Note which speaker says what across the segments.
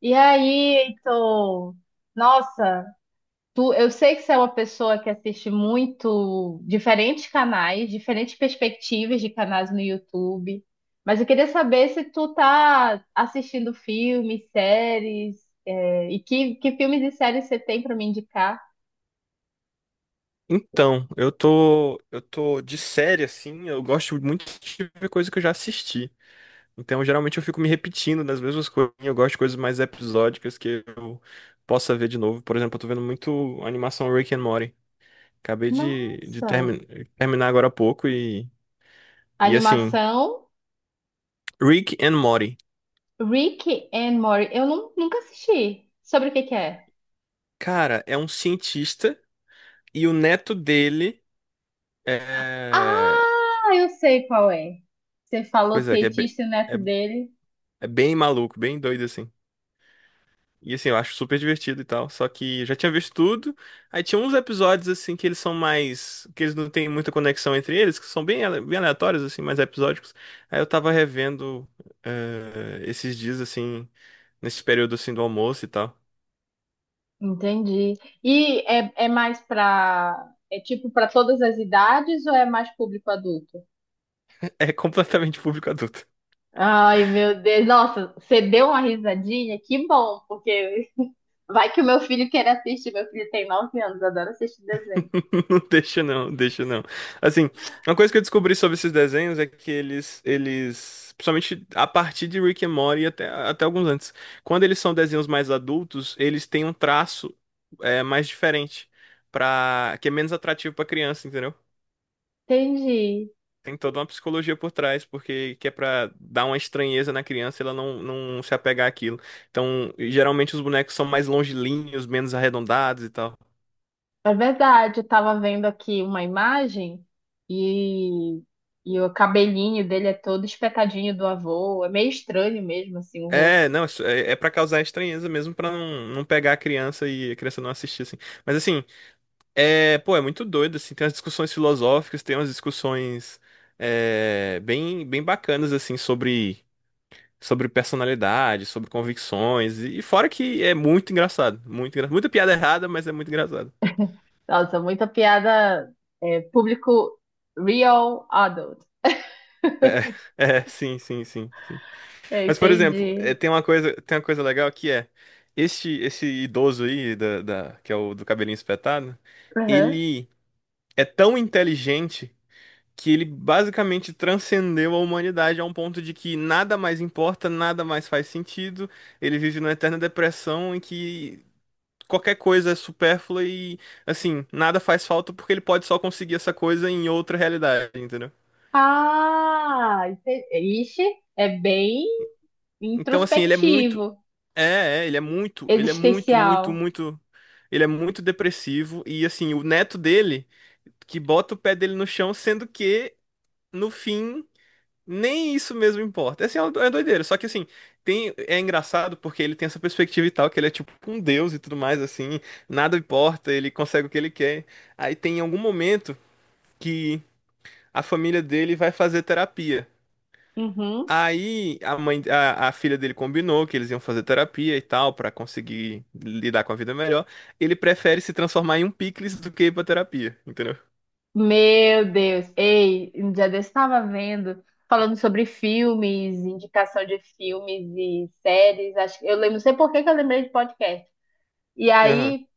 Speaker 1: E aí, Heitor? Nossa, tu, eu sei que você é uma pessoa que assiste muito diferentes canais, diferentes perspectivas de canais no YouTube, mas eu queria saber se tu tá assistindo filmes, séries, e que filmes e séries você tem para me indicar?
Speaker 2: Então, eu tô de série assim, eu gosto muito de ver coisa que eu já assisti. Então, geralmente eu fico me repetindo nas mesmas coisas. Eu gosto de coisas mais episódicas que eu possa ver de novo. Por exemplo, eu tô vendo muito a animação Rick and Morty. Acabei de, de
Speaker 1: Nossa,
Speaker 2: termi- terminar agora há pouco e assim,
Speaker 1: animação
Speaker 2: Rick and Morty.
Speaker 1: Rick and Morty. Eu nunca assisti. Sobre o que que é?
Speaker 2: Cara, é um cientista e o neto dele é,
Speaker 1: Ah, eu sei qual é. Você falou
Speaker 2: pois é, que é,
Speaker 1: cientista e o
Speaker 2: é,
Speaker 1: neto dele.
Speaker 2: é bem maluco, bem doido assim. E assim, eu acho super divertido e tal. Só que eu já tinha visto tudo. Aí tinha uns episódios, assim, que eles são mais. Que eles não têm muita conexão entre eles, que são bem, bem aleatórios, assim, mais episódicos. Aí eu tava revendo esses dias, assim, nesse período, assim, do almoço e tal.
Speaker 1: Entendi. E é mais para. É tipo para todas as idades ou é mais público adulto?
Speaker 2: É completamente público adulto.
Speaker 1: Ai, meu Deus. Nossa, você deu uma risadinha? Que bom, porque vai que o meu filho quer assistir. Meu filho tem 9 anos, adora assistir desenho.
Speaker 2: Não deixa não, deixa não. Assim, uma coisa que eu descobri sobre esses desenhos é que eles, principalmente a partir de Rick and Morty e até alguns antes, quando eles são desenhos mais adultos, eles têm um traço mais diferente, que é menos atrativo pra criança, entendeu?
Speaker 1: Entendi.
Speaker 2: Tem toda uma psicologia por trás, porque que é pra dar uma estranheza na criança, e ela não se apegar àquilo. Então, geralmente os bonecos são mais longilíneos, menos arredondados e tal.
Speaker 1: É verdade. Eu tava vendo aqui uma imagem e, e o cabelinho dele é todo espetadinho do avô. É meio estranho mesmo, assim, o
Speaker 2: É,
Speaker 1: rosto.
Speaker 2: não, isso é para causar estranheza mesmo, pra não pegar a criança e a criança não assistir, assim. Mas, assim, pô, é muito doido, assim, tem umas discussões filosóficas, tem umas discussões bem, bem bacanas, assim, sobre personalidade, sobre convicções, e fora que é muito engraçado, muito engraçado. Muita piada errada, mas é muito engraçado.
Speaker 1: Nossa, muita piada, é, público real adult.
Speaker 2: É, é, sim, sim, sim, sim.
Speaker 1: Eu
Speaker 2: Mas, por exemplo,
Speaker 1: entendi.
Speaker 2: tem uma coisa legal que é, esse idoso aí, que é o do cabelinho espetado,
Speaker 1: Uhum.
Speaker 2: ele é tão inteligente que ele basicamente transcendeu a humanidade a um ponto de que nada mais importa, nada mais faz sentido. Ele vive numa eterna depressão em que qualquer coisa é supérflua e, assim, nada faz falta porque ele pode só conseguir essa coisa em outra realidade, entendeu?
Speaker 1: Ah, entendi. Ixi, é bem
Speaker 2: Então, assim, ele é muito.
Speaker 1: introspectivo,
Speaker 2: É, ele é muito, muito,
Speaker 1: existencial.
Speaker 2: muito. Ele é muito depressivo e, assim, o neto dele que bota o pé dele no chão, sendo que, no fim. Nem isso mesmo importa. Assim é uma é doideira. Só que assim, é engraçado porque ele tem essa perspectiva e tal, que ele é tipo um deus e tudo mais, assim, nada importa, ele consegue o que ele quer. Aí tem algum momento que a família dele vai fazer terapia.
Speaker 1: Uhum.
Speaker 2: Aí a filha dele combinou que eles iam fazer terapia e tal, pra conseguir lidar com a vida melhor. Ele prefere se transformar em um picles do que ir pra terapia, entendeu?
Speaker 1: Meu Deus. Ei, um dia desse estava vendo, falando sobre filmes, indicação de filmes e séries. Acho, eu lembro, não sei por que que eu lembrei de podcast. E
Speaker 2: Aham.
Speaker 1: aí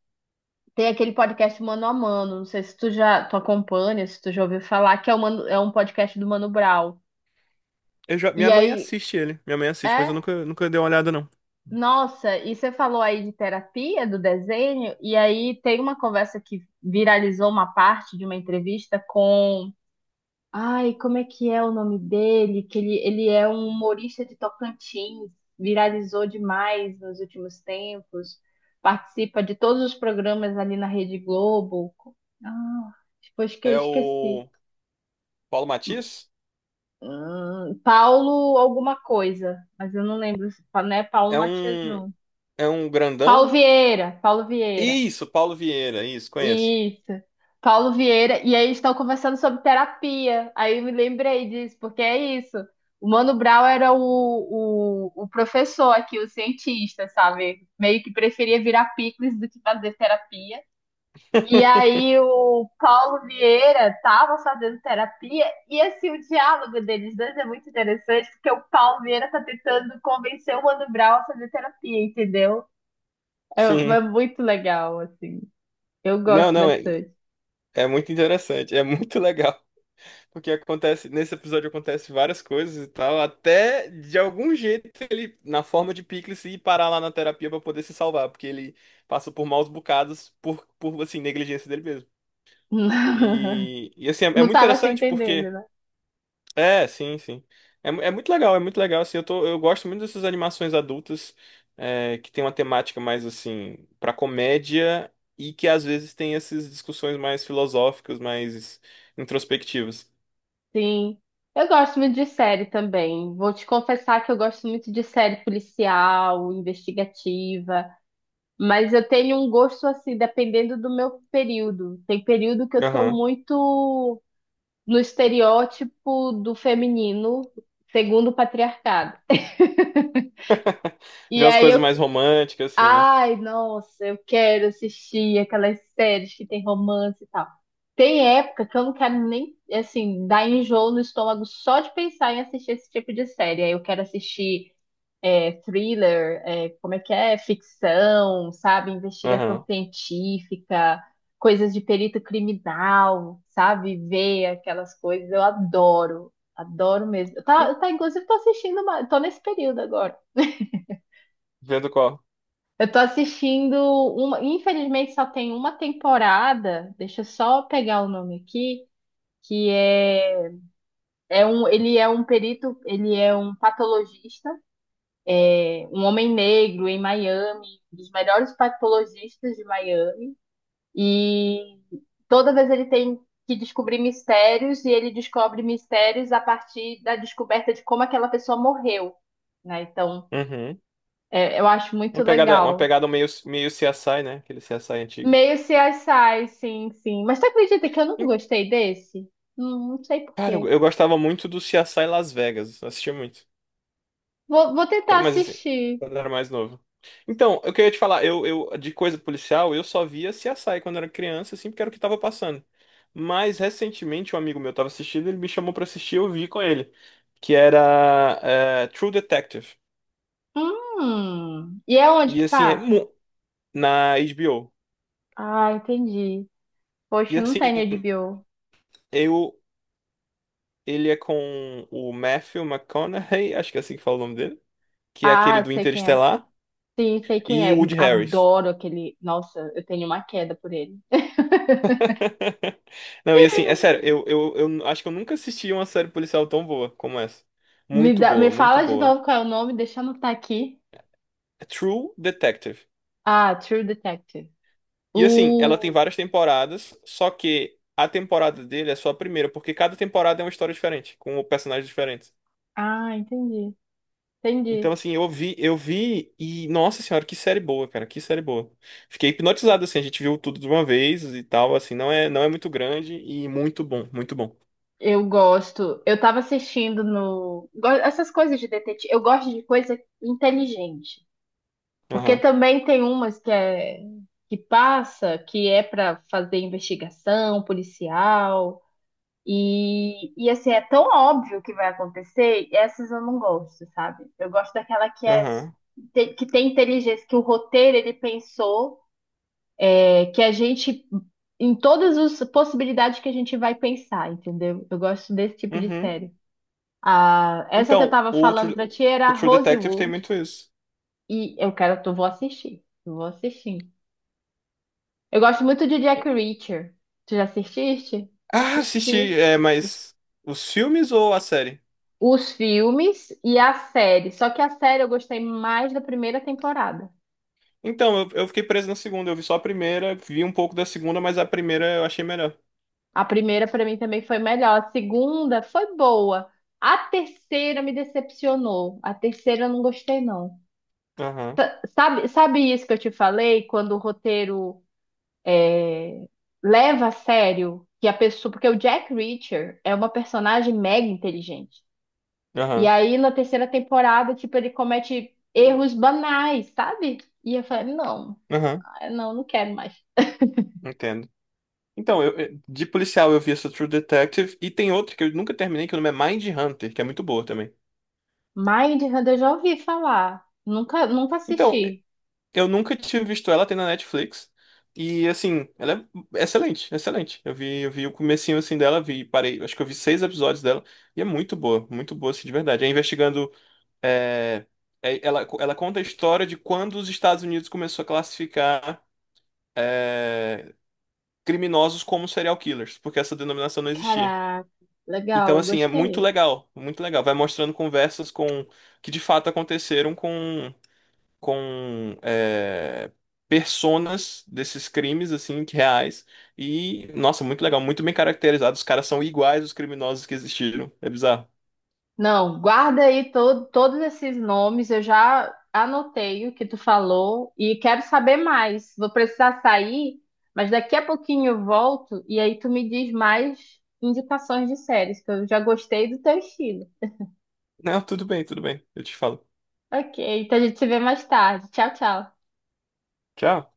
Speaker 1: tem aquele podcast Mano a Mano, não sei se tu já tu acompanha, se tu já ouviu falar, que é, o é um podcast do Mano Brown.
Speaker 2: Eu já.
Speaker 1: E
Speaker 2: Minha mãe
Speaker 1: aí,
Speaker 2: assiste ele. Minha mãe assiste, mas eu
Speaker 1: é,
Speaker 2: nunca dei uma olhada, não.
Speaker 1: nossa, e você falou aí de terapia, do desenho, e aí tem uma conversa que viralizou uma parte de uma entrevista com. Ai, como é que é o nome dele? Que ele é um humorista de Tocantins, viralizou demais nos últimos tempos, participa de todos os programas ali na Rede Globo. Ah, depois que
Speaker 2: É
Speaker 1: esqueci.
Speaker 2: o Paulo Matias?
Speaker 1: Paulo alguma coisa, mas eu não lembro, não é Paulo
Speaker 2: É
Speaker 1: Matias,
Speaker 2: um,
Speaker 1: não.
Speaker 2: é um
Speaker 1: Paulo
Speaker 2: grandão?
Speaker 1: Vieira, Paulo Vieira.
Speaker 2: Isso, Paulo Vieira, isso, conheço.
Speaker 1: Isso. Paulo Vieira. E aí estão conversando sobre terapia. Aí eu me lembrei disso, porque é isso. O Mano Brown era o professor aqui, o cientista, sabe? Meio que preferia virar picles do que fazer terapia. E aí o Paulo Vieira tava fazendo terapia e assim o diálogo deles dois é muito interessante porque o Paulo Vieira tá tentando convencer o Mano Brown a fazer terapia, entendeu? É, é
Speaker 2: Sim.
Speaker 1: muito legal assim. Eu
Speaker 2: Não,
Speaker 1: gosto
Speaker 2: não, é,
Speaker 1: bastante.
Speaker 2: é muito interessante, é muito legal. Porque acontece, nesse episódio acontece várias coisas e tal, até de algum jeito ele, na forma de Pickles, ir parar lá na terapia pra poder se salvar, porque ele passa por maus bocados por assim, negligência dele mesmo. E assim, é
Speaker 1: Não
Speaker 2: muito
Speaker 1: tava se
Speaker 2: interessante
Speaker 1: entendendo,
Speaker 2: porque.
Speaker 1: né?
Speaker 2: É, sim, sim. É, é muito legal, assim, eu gosto muito dessas animações adultas, que tem uma temática mais, assim, pra comédia e que às vezes tem essas discussões mais filosóficas, mais introspectivas.
Speaker 1: Sim. Eu gosto muito de série também. Vou te confessar que eu gosto muito de série policial, investigativa, mas eu tenho um gosto assim, dependendo do meu período. Tem período que eu tô
Speaker 2: Aham.
Speaker 1: muito no estereótipo do feminino, segundo o patriarcado. E
Speaker 2: Ver as
Speaker 1: aí eu
Speaker 2: coisas mais românticas, assim, né?
Speaker 1: Ai, nossa, eu quero assistir aquelas séries que tem romance e tal. Tem época que eu não quero nem, assim, dar enjoo no estômago só de pensar em assistir esse tipo de série. Aí eu quero assistir, é, thriller, é, como é que é? Ficção, sabe? Investigação
Speaker 2: Aham.
Speaker 1: científica, coisas de perito criminal, sabe? Ver aquelas coisas. Eu adoro, adoro mesmo.
Speaker 2: Hum,
Speaker 1: Tá, tá, inclusive, tô assistindo, uma, tô nesse período agora.
Speaker 2: Vendo qual.
Speaker 1: Eu tô assistindo uma, infelizmente só tem uma temporada. Deixa eu só pegar o nome aqui, que é, é um, ele é um perito, ele é um patologista, é, um homem negro em Miami, um dos melhores patologistas de Miami. E toda vez ele tem que descobrir mistérios e ele descobre mistérios a partir da descoberta de como aquela pessoa morreu, né? Então,
Speaker 2: Uhum.
Speaker 1: é, eu acho muito
Speaker 2: Uma pegada, uma
Speaker 1: legal.
Speaker 2: pegada meio CSI, né? Aquele CSI antigo.
Speaker 1: Meio CSI, sim, sim. Mas tu acredita que eu nunca
Speaker 2: E,
Speaker 1: gostei desse? Não sei por
Speaker 2: cara, eu,
Speaker 1: quê.
Speaker 2: eu gostava muito do CSI Las Vegas. Eu assistia muito.
Speaker 1: Vou, vou tentar
Speaker 2: Mas assim,
Speaker 1: assistir.
Speaker 2: quando eu era mais novo. Então, eu queria te falar, eu de coisa policial, eu só via CSI quando era criança, assim, porque era o que tava passando. Mas recentemente um amigo meu tava assistindo, ele me chamou pra assistir, eu vi com ele. Que era True Detective.
Speaker 1: Hum. E é onde
Speaker 2: E
Speaker 1: que
Speaker 2: assim,
Speaker 1: passa?
Speaker 2: na HBO.
Speaker 1: Ah, entendi.
Speaker 2: E
Speaker 1: Poxa, não
Speaker 2: assim,
Speaker 1: tem HBO.
Speaker 2: eu, ele é com o Matthew McConaughey, acho que é assim que fala o nome dele, que é aquele
Speaker 1: Ah,
Speaker 2: do
Speaker 1: sei quem é.
Speaker 2: Interestelar,
Speaker 1: Sim, sei quem
Speaker 2: e o
Speaker 1: é.
Speaker 2: Woody Harris.
Speaker 1: Adoro aquele. Nossa, eu tenho uma queda por ele.
Speaker 2: Não, e assim, é sério, eu acho que eu nunca assisti uma série policial tão boa como essa.
Speaker 1: Me
Speaker 2: Muito
Speaker 1: dá, me
Speaker 2: boa, muito
Speaker 1: fala de
Speaker 2: boa.
Speaker 1: novo qual é o nome, deixa eu anotar aqui.
Speaker 2: É True Detective.
Speaker 1: Ah, True Detective.
Speaker 2: E assim, ela tem
Speaker 1: O.
Speaker 2: várias temporadas, só que a temporada dele é só a primeira, porque cada temporada é uma história diferente, com personagens diferentes.
Speaker 1: Ah, entendi.
Speaker 2: Então,
Speaker 1: Entendi.
Speaker 2: assim, eu vi e, nossa senhora, que série boa, cara, que série boa. Fiquei hipnotizado, assim, a gente viu tudo de uma vez e tal, assim, não é muito grande e muito bom, muito bom.
Speaker 1: Eu gosto. Eu tava assistindo no. Essas coisas de detetive. Eu gosto de coisa inteligente. Porque
Speaker 2: Aham,
Speaker 1: também tem umas que é. Que passa, que é pra fazer investigação policial. E assim, é tão óbvio que vai acontecer, e essas eu não gosto, sabe? Eu gosto daquela que é
Speaker 2: aham,
Speaker 1: que tem inteligência, que o roteiro ele pensou, é, que a gente, em todas as possibilidades que a gente vai pensar, entendeu? Eu gosto desse tipo de
Speaker 2: uhum.
Speaker 1: série. Ah, essa que eu
Speaker 2: Então,
Speaker 1: tava falando pra ti era
Speaker 2: O True Detective tem
Speaker 1: Rosewood.
Speaker 2: muito isso.
Speaker 1: E eu quero, tu vou assistir. Eu vou assistir. Eu gosto muito de Jack Reacher. Tu já assististe?
Speaker 2: Ah,
Speaker 1: Os,
Speaker 2: assisti,
Speaker 1: fi
Speaker 2: é,
Speaker 1: os,
Speaker 2: mas os filmes ou a série?
Speaker 1: os filmes e a série. Só que a série eu gostei mais da primeira temporada.
Speaker 2: Então, eu fiquei preso na segunda, eu vi só a primeira, vi um pouco da segunda, mas a primeira eu achei melhor.
Speaker 1: A primeira pra mim também foi melhor. A segunda foi boa. A terceira me decepcionou. A terceira eu não gostei, não.
Speaker 2: Aham,
Speaker 1: Sabe, sabe isso que eu te falei? Quando o roteiro, é, leva a sério que a pessoa. Porque o Jack Reacher é uma personagem mega inteligente. E
Speaker 2: aham,
Speaker 1: aí, na terceira temporada, tipo, ele comete erros banais, sabe? E eu falei,
Speaker 2: aham,
Speaker 1: não, não quero mais.
Speaker 2: entendo. Então, de policial eu vi essa True Detective e tem outra que eu nunca terminei, que o nome é Mind Hunter, que é muito boa também.
Speaker 1: Mindhunter eu já ouvi falar. Nunca, nunca
Speaker 2: Então,
Speaker 1: assisti.
Speaker 2: eu nunca tinha visto ela, tem na Netflix. E assim, ela é excelente, excelente. Eu vi o comecinho assim dela, vi, parei, acho que eu vi 6 episódios dela e é muito boa assim, de verdade. É investigando, é, ela conta a história de quando os Estados Unidos começou a classificar é, criminosos como serial killers, porque essa denominação não existia.
Speaker 1: Caraca,
Speaker 2: Então,
Speaker 1: legal,
Speaker 2: assim, é muito
Speaker 1: gostei.
Speaker 2: legal, muito legal. Vai mostrando conversas com que de fato aconteceram com personas desses crimes, assim, que reais. E, nossa, muito legal, muito bem caracterizado. Os caras são iguais os criminosos que existiram. É bizarro.
Speaker 1: Não, guarda aí todos esses nomes, eu já anotei o que tu falou e quero saber mais. Vou precisar sair, mas daqui a pouquinho eu volto e aí tu me diz mais indicações de séries, que eu já gostei do teu estilo.
Speaker 2: Não, tudo bem, tudo bem. Eu te falo.
Speaker 1: Ok, então a gente se vê mais tarde. Tchau, tchau.
Speaker 2: Tchau.